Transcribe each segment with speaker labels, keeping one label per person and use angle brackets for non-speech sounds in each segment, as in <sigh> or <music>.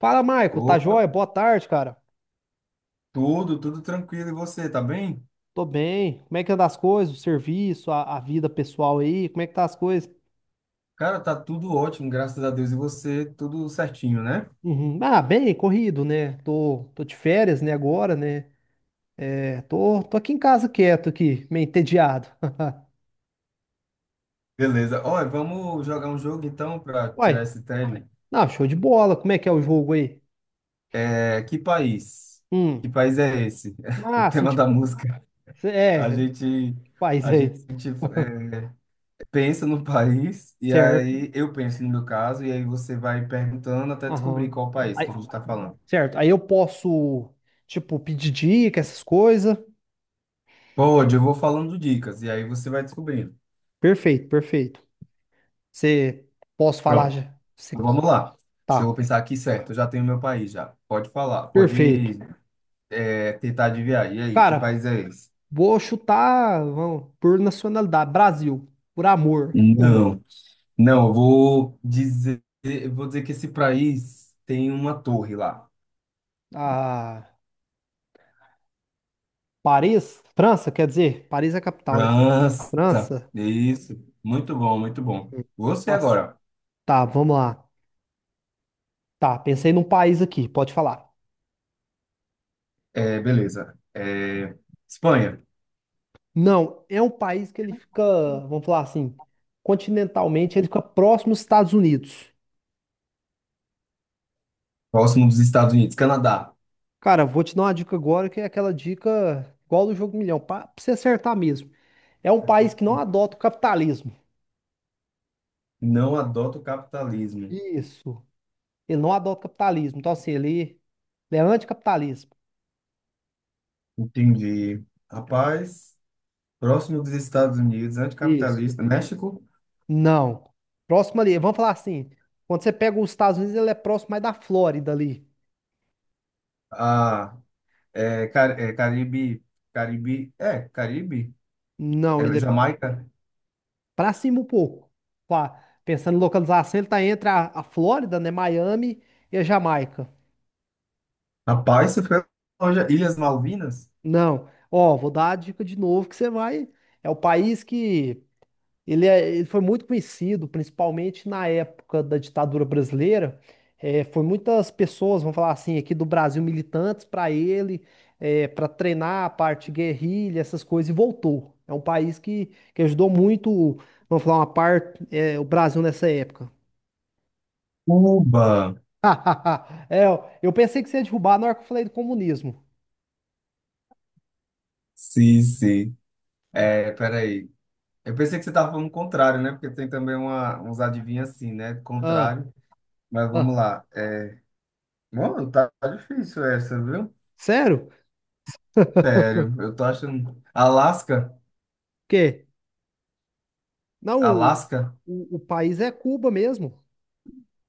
Speaker 1: Fala, Marco, tá
Speaker 2: Opa,
Speaker 1: joia? Boa tarde, cara.
Speaker 2: tudo tranquilo. E você, tá bem?
Speaker 1: Tô bem. Como é que anda as coisas? O serviço, a vida pessoal aí? Como é que tá as coisas?
Speaker 2: Cara, tá tudo ótimo, graças a Deus. E você, tudo certinho, né?
Speaker 1: Uhum. Ah, bem, corrido, né? Tô de férias, né, agora, né? É, tô aqui em casa quieto aqui, meio entediado. <laughs>
Speaker 2: Beleza. Olha, vamos jogar um jogo então para
Speaker 1: Uai,
Speaker 2: tirar esse tédio.
Speaker 1: não, show de bola. Como é que é o jogo aí?
Speaker 2: É, que país? Que
Speaker 1: Hum.
Speaker 2: país é esse? <laughs> O
Speaker 1: Ah, assim,
Speaker 2: tema da
Speaker 1: tipo,
Speaker 2: música. A
Speaker 1: é,
Speaker 2: gente,
Speaker 1: país
Speaker 2: a
Speaker 1: é
Speaker 2: gente
Speaker 1: esse?
Speaker 2: é, Pensa no país e
Speaker 1: Certo.
Speaker 2: aí eu penso no meu caso e aí você vai perguntando até descobrir
Speaker 1: Aham.
Speaker 2: qual país que a
Speaker 1: Aí,
Speaker 2: gente está falando.
Speaker 1: certo. Aí eu posso, tipo, pedir dica, essas coisas.
Speaker 2: Pode, eu vou falando dicas e aí você vai descobrindo.
Speaker 1: Perfeito, perfeito. Você posso falar
Speaker 2: Pronto.
Speaker 1: já?
Speaker 2: Então, vamos lá. Deixa eu
Speaker 1: Tá,
Speaker 2: pensar aqui, certo. Eu já tenho meu país já. Pode falar,
Speaker 1: perfeito.
Speaker 2: pode tentar adivinhar. E aí, que
Speaker 1: Cara,
Speaker 2: país é esse?
Speaker 1: vou chutar vamos, por nacionalidade, Brasil, por amor. <laughs> Uhum.
Speaker 2: Não, não, eu vou dizer que esse país tem uma torre lá.
Speaker 1: Ah, Paris, França, quer dizer, Paris é a capital, né?
Speaker 2: França.
Speaker 1: França.
Speaker 2: Isso. Muito bom, muito bom. Você
Speaker 1: Nossa,
Speaker 2: agora.
Speaker 1: tá, vamos lá. Tá, pensei num país aqui, pode falar.
Speaker 2: É, beleza. É, Espanha,
Speaker 1: Não, é um país que ele fica, vamos falar assim, continentalmente, ele fica próximo aos Estados Unidos.
Speaker 2: próximo dos Estados Unidos. Canadá.
Speaker 1: Cara, vou te dar uma dica agora que é aquela dica igual do Jogo Milhão, pra você acertar mesmo. É um país que não adota o capitalismo.
Speaker 2: Não adota o capitalismo.
Speaker 1: Isso. Ele não adota o capitalismo. Então, assim, ele é anticapitalismo.
Speaker 2: Entendi. Rapaz. Próximo dos Estados Unidos,
Speaker 1: Isso.
Speaker 2: anticapitalista, México,
Speaker 1: Não. Próximo ali, vamos falar assim. Quando você pega os Estados Unidos, ele é próximo mais da Flórida ali.
Speaker 2: a, é, Car- é, Caribe, Caribe, é, Caribe,
Speaker 1: Não, ele é
Speaker 2: Jamaica,
Speaker 1: pra cima um pouco. Pensando em localização, ele tá entre a Flórida, né? Miami e a Jamaica.
Speaker 2: rapaz, isso foi longe, Ilhas Malvinas,
Speaker 1: Não. Ó, vou dar a dica de novo que você vai. É o país que Ele, é- ele foi muito conhecido, principalmente na época da ditadura brasileira. É, foi muitas pessoas, vamos falar assim, aqui do Brasil, militantes para ele, para treinar a parte guerrilha, essas coisas, e voltou. É um país que ajudou muito, vamos falar, uma parte, o Brasil nessa época.
Speaker 2: Cuba,
Speaker 1: <laughs> É, eu pensei que você ia derrubar na hora que eu falei do comunismo.
Speaker 2: sim, sim, é, peraí, eu pensei que você estava falando o contrário, né, porque tem também uma, uns adivinhos assim, né,
Speaker 1: Ah,
Speaker 2: contrário, mas vamos
Speaker 1: ah.
Speaker 2: lá, é, mano, tá difícil essa, viu?
Speaker 1: Sério?
Speaker 2: Sério, eu tô achando, Alasca,
Speaker 1: Porque não, o,
Speaker 2: Alasca,
Speaker 1: o, o país é Cuba mesmo.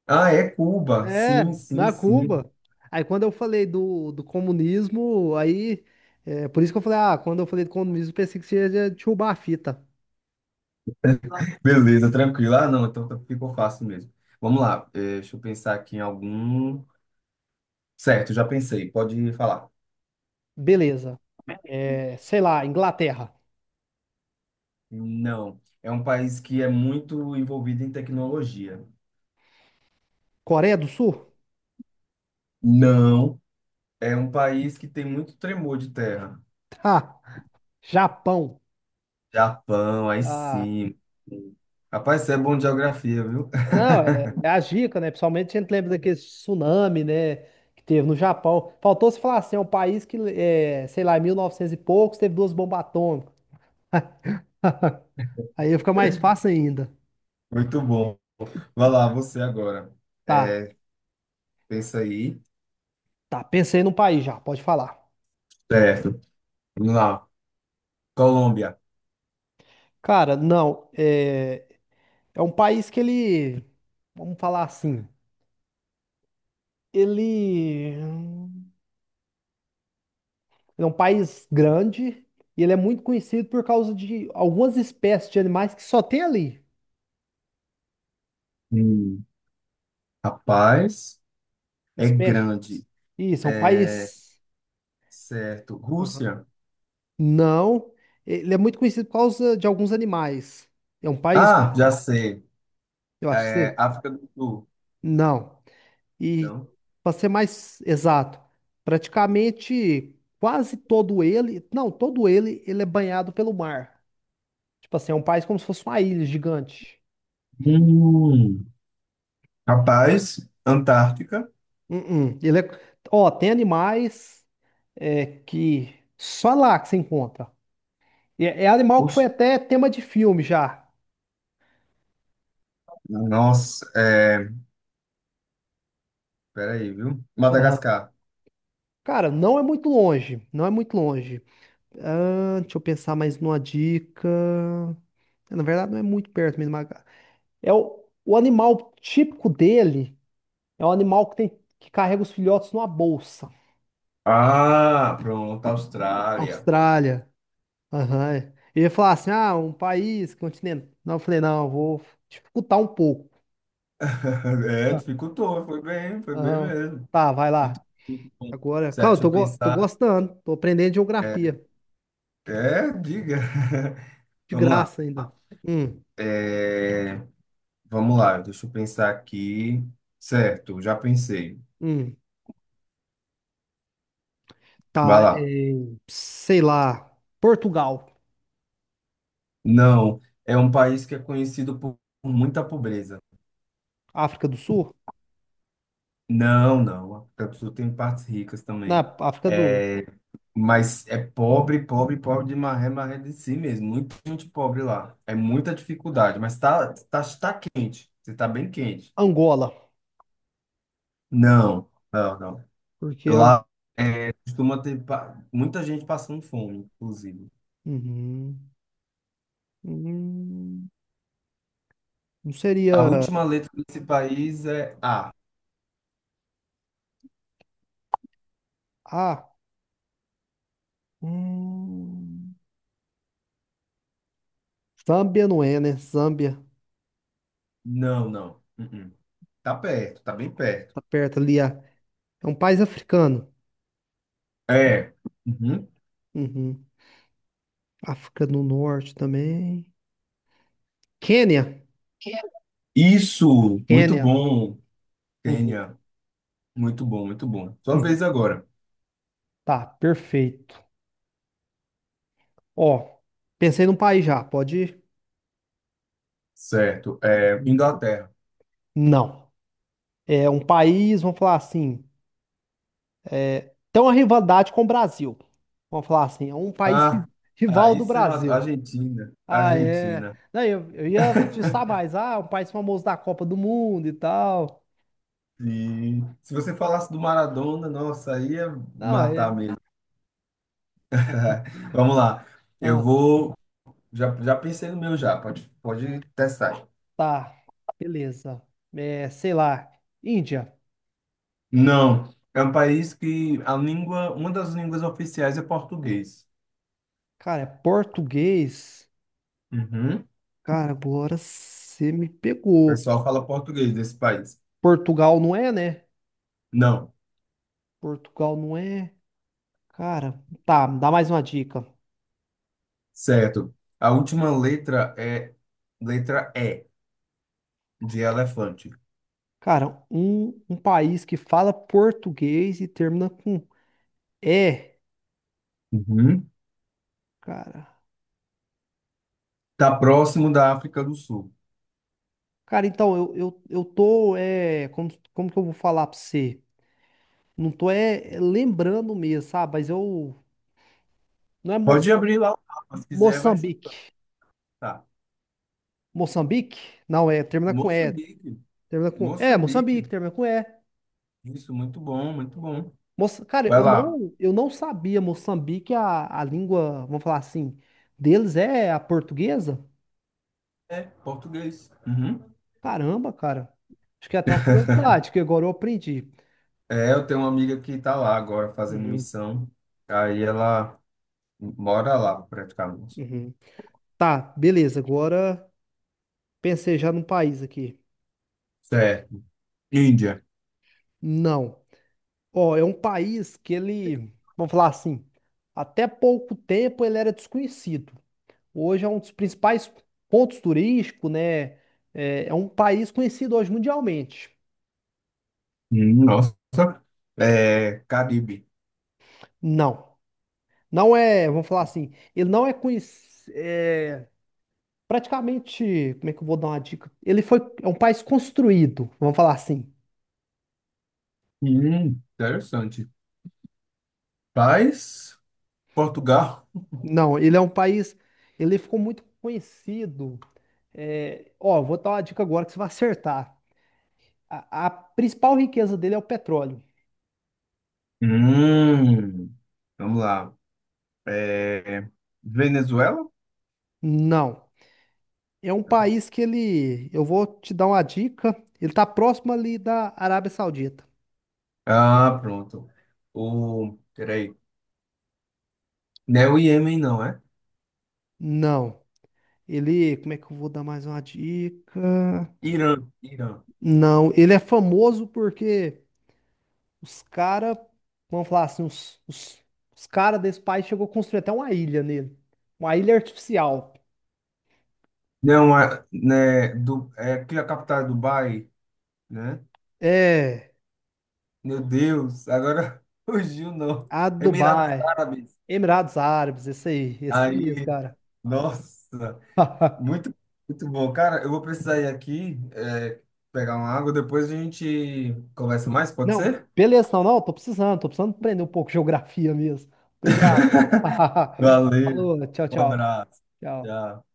Speaker 2: ah, é Cuba,
Speaker 1: É,
Speaker 2: sim, sim,
Speaker 1: na
Speaker 2: sim.
Speaker 1: Cuba. Aí quando eu falei do comunismo, aí. É, por isso que eu falei, ah, quando eu falei do comunismo, pensei que seria de roubar a fita.
Speaker 2: Beleza, tranquilo. Ah, não, então tá- ficou fácil mesmo. Vamos lá, deixa eu pensar aqui em algum. Certo, já pensei, pode falar.
Speaker 1: Beleza. É, sei lá, Inglaterra.
Speaker 2: Não, é um país que é muito envolvido em tecnologia.
Speaker 1: Coreia do Sul? <laughs>
Speaker 2: Não, é um país que tem muito tremor de terra.
Speaker 1: Tá. Japão.
Speaker 2: Japão, aí
Speaker 1: Ah.
Speaker 2: sim. Rapaz, você é bom de geografia, viu? <laughs>
Speaker 1: Não, é a dica, né? Principalmente a gente lembra daquele tsunami, né? Que teve no Japão. Faltou se falar assim, é um país que, é, sei lá, em 1900 e poucos teve duas bombas atômicas. <laughs> Aí fica mais fácil ainda.
Speaker 2: Muito bom. Vai lá, você agora.
Speaker 1: Tá,
Speaker 2: É, pensa aí.
Speaker 1: tá. Pensei num país já, pode falar.
Speaker 2: Certo, vamos lá. Colômbia.
Speaker 1: Cara, não, é um país que ele, vamos falar assim, ele é um país grande e ele é muito conhecido por causa de algumas espécies de animais que só tem ali.
Speaker 2: Hum. Rapaz, é
Speaker 1: Espécie.
Speaker 2: grande.
Speaker 1: Isso, é um
Speaker 2: É,
Speaker 1: país.
Speaker 2: certo.
Speaker 1: Aham.
Speaker 2: Rússia?
Speaker 1: Não, ele é muito conhecido por causa de alguns animais. É um país,
Speaker 2: Ah, já sei.
Speaker 1: eu acho que
Speaker 2: É,
Speaker 1: você.
Speaker 2: África do Sul.
Speaker 1: Não. E
Speaker 2: Não.
Speaker 1: para ser mais exato, praticamente quase todo ele, não, todo ele, ele é banhado pelo mar. Tipo assim, é um país como se fosse uma ilha gigante.
Speaker 2: Hum, rapaz, Antártica.
Speaker 1: Uh-uh. Ó, tem animais que só lá que se encontra. E é animal que
Speaker 2: Oxe,
Speaker 1: foi até tema de filme já.
Speaker 2: nossa, é, peraí, viu?
Speaker 1: Aham.
Speaker 2: Madagascar.
Speaker 1: Cara, não é muito longe. Não é muito longe. Ah, deixa eu pensar mais numa dica. Na verdade, não é muito perto mesmo. É o animal típico dele é um animal que tem que carrega os filhotes numa bolsa.
Speaker 2: Ah, pronto, Austrália.
Speaker 1: Austrália. Aham. É. Eu ia falar assim, ah, um país, continente. Não, eu falei, não, eu vou dificultar um pouco.
Speaker 2: <laughs> É,
Speaker 1: Tá.
Speaker 2: dificultou, foi bem
Speaker 1: Aham.
Speaker 2: mesmo.
Speaker 1: Tá, vai
Speaker 2: Muito,
Speaker 1: lá.
Speaker 2: muito bom.
Speaker 1: Agora,
Speaker 2: Certo,
Speaker 1: calma, eu
Speaker 2: deixa eu
Speaker 1: tô
Speaker 2: pensar.
Speaker 1: gostando. Tô aprendendo
Speaker 2: É,
Speaker 1: geografia.
Speaker 2: diga. <laughs>
Speaker 1: De
Speaker 2: Vamos lá.
Speaker 1: graça ainda. Hum,
Speaker 2: É, vamos lá, deixa eu pensar aqui. Certo, já pensei.
Speaker 1: hum.
Speaker 2: Vai
Speaker 1: Tá,
Speaker 2: lá.
Speaker 1: é, sei lá, Portugal,
Speaker 2: Não, é um país que é conhecido por muita pobreza.
Speaker 1: África do Sul?
Speaker 2: Não, não, a África do Sul tem partes ricas
Speaker 1: Na
Speaker 2: também.
Speaker 1: África do
Speaker 2: É, mas é pobre, pobre, pobre de maré, maré de si mesmo. Muito, muito pobre lá. É muita dificuldade, mas tá quente. Você tá bem quente.
Speaker 1: Angola.
Speaker 2: Não, não, não.
Speaker 1: Porque Ang-
Speaker 2: Lá é, costuma ter pa- muita gente passando fome, inclusive.
Speaker 1: Uhum. Hum, não
Speaker 2: A
Speaker 1: seria.
Speaker 2: última letra desse país é A.
Speaker 1: Ah, hum, Zâmbia não é, né? Zâmbia
Speaker 2: Não, não. Uh-uh. Tá perto, tá bem perto.
Speaker 1: tá perto ali. É um país africano.
Speaker 2: É. Uhum.
Speaker 1: Uhum. África do Norte também. Quênia.
Speaker 2: Isso, muito
Speaker 1: Quênia.
Speaker 2: bom,
Speaker 1: Uhum.
Speaker 2: Kênia. Muito bom, muito bom. Sua
Speaker 1: Uhum.
Speaker 2: vez agora.
Speaker 1: Tá, perfeito. Ó, pensei num país já, pode ir?
Speaker 2: Certo. É,
Speaker 1: Uhum.
Speaker 2: Inglaterra.
Speaker 1: Não. É um país, vamos falar assim, tem uma rivalidade com o Brasil. Vamos falar assim, é um país
Speaker 2: Ah,
Speaker 1: rival
Speaker 2: aí
Speaker 1: do
Speaker 2: você matou.
Speaker 1: Brasil.
Speaker 2: Argentina.
Speaker 1: Ah, é.
Speaker 2: Argentina.
Speaker 1: Não, eu ia te saber mais. Ah, um país famoso da Copa do Mundo e tal.
Speaker 2: E se você falasse do Maradona, nossa, aí ia
Speaker 1: Não, é.
Speaker 2: matar mesmo. <laughs> Vamos lá. Eu
Speaker 1: Ah,
Speaker 2: vou. Já pensei no meu já. Pode, pode testar.
Speaker 1: tá. Beleza. É, sei lá. Índia.
Speaker 2: Não. É um país que a língua, uma das línguas oficiais é português.
Speaker 1: Cara, é português.
Speaker 2: Uhum. O
Speaker 1: Cara, agora você me pegou.
Speaker 2: pessoal fala português desse país.
Speaker 1: Portugal não é, né?
Speaker 2: Não.
Speaker 1: Portugal não é. Cara, tá, me dá mais uma dica.
Speaker 2: Certo. A última letra é Letra E, de elefante.
Speaker 1: Cara, um país que fala português e termina com é,
Speaker 2: Uhum.
Speaker 1: cara.
Speaker 2: Tá próximo da África do Sul.
Speaker 1: Cara, então, eu tô, como que eu vou falar pra você? Não tô, lembrando mesmo, sabe? Mas eu, não é
Speaker 2: Pode abrir lá, o mapa, se quiser, vai
Speaker 1: Moçambique.
Speaker 2: chutar.
Speaker 1: Moçambique? Não, termina com é.
Speaker 2: Moçambique.
Speaker 1: Termina com,
Speaker 2: Moçambique.
Speaker 1: Moçambique, termina com é.
Speaker 2: Isso, muito bom, muito bom.
Speaker 1: Cara,
Speaker 2: Vai
Speaker 1: eu
Speaker 2: lá.
Speaker 1: não, eu não sabia, Moçambique, a língua, vamos falar assim, deles é a portuguesa?
Speaker 2: É, português. Uhum.
Speaker 1: Caramba, cara. Acho que é até uma curiosidade, que agora eu aprendi.
Speaker 2: É, eu tenho uma amiga que tá lá agora fazendo
Speaker 1: Uhum,
Speaker 2: missão. Aí ela mora lá, praticamente.
Speaker 1: uhum. Tá, beleza. Agora pensei já num país aqui.
Speaker 2: Certo. Índia.
Speaker 1: Não. Ó, é um país que ele, vamos falar assim, até pouco tempo ele era desconhecido. Hoje é um dos principais pontos turísticos, né? É um país conhecido hoje mundialmente.
Speaker 2: Nossa. É, Caribe.
Speaker 1: Não. Não é, vamos falar assim, ele não é conhecido, praticamente, como é que eu vou dar uma dica? Ele foi, é um país construído, vamos falar assim.
Speaker 2: Interessante. Paz, Portugal,
Speaker 1: Não, ele é um país, ele ficou muito conhecido. Ó, vou dar uma dica agora que você vai acertar. A principal riqueza dele é o petróleo.
Speaker 2: hum, vamos lá. É, Venezuela?
Speaker 1: Não, é um país que ele, eu vou te dar uma dica, ele tá próximo ali da Arábia Saudita.
Speaker 2: Ah, pronto. O, peraí, não é o Iêmen, não, é?
Speaker 1: Não, ele, como é que eu vou dar mais uma dica?
Speaker 2: Irã, Irã.
Speaker 1: Não, ele é famoso porque os caras, vamos falar assim, os caras desse país chegou a construir até uma ilha nele. Uma ilha artificial.
Speaker 2: Não, é, né, do, é aqui a capital é Dubai, né?
Speaker 1: É,
Speaker 2: Meu Deus, agora <laughs> fugiu, não.
Speaker 1: a
Speaker 2: Emirados
Speaker 1: Dubai,
Speaker 2: Árabes.
Speaker 1: Emirados Árabes, esse aí mesmo,
Speaker 2: Aí,
Speaker 1: cara.
Speaker 2: nossa,
Speaker 1: <laughs>
Speaker 2: muito, muito bom. Cara, eu vou precisar ir aqui, é, pegar uma água, depois a gente conversa mais, pode
Speaker 1: Não,
Speaker 2: ser?
Speaker 1: beleza, não, não, tô precisando aprender um pouco de geografia mesmo. Obrigado. <laughs>
Speaker 2: Valeu,
Speaker 1: Falou, tchau,
Speaker 2: um
Speaker 1: tchau.
Speaker 2: abraço.
Speaker 1: Tchau.
Speaker 2: Tchau.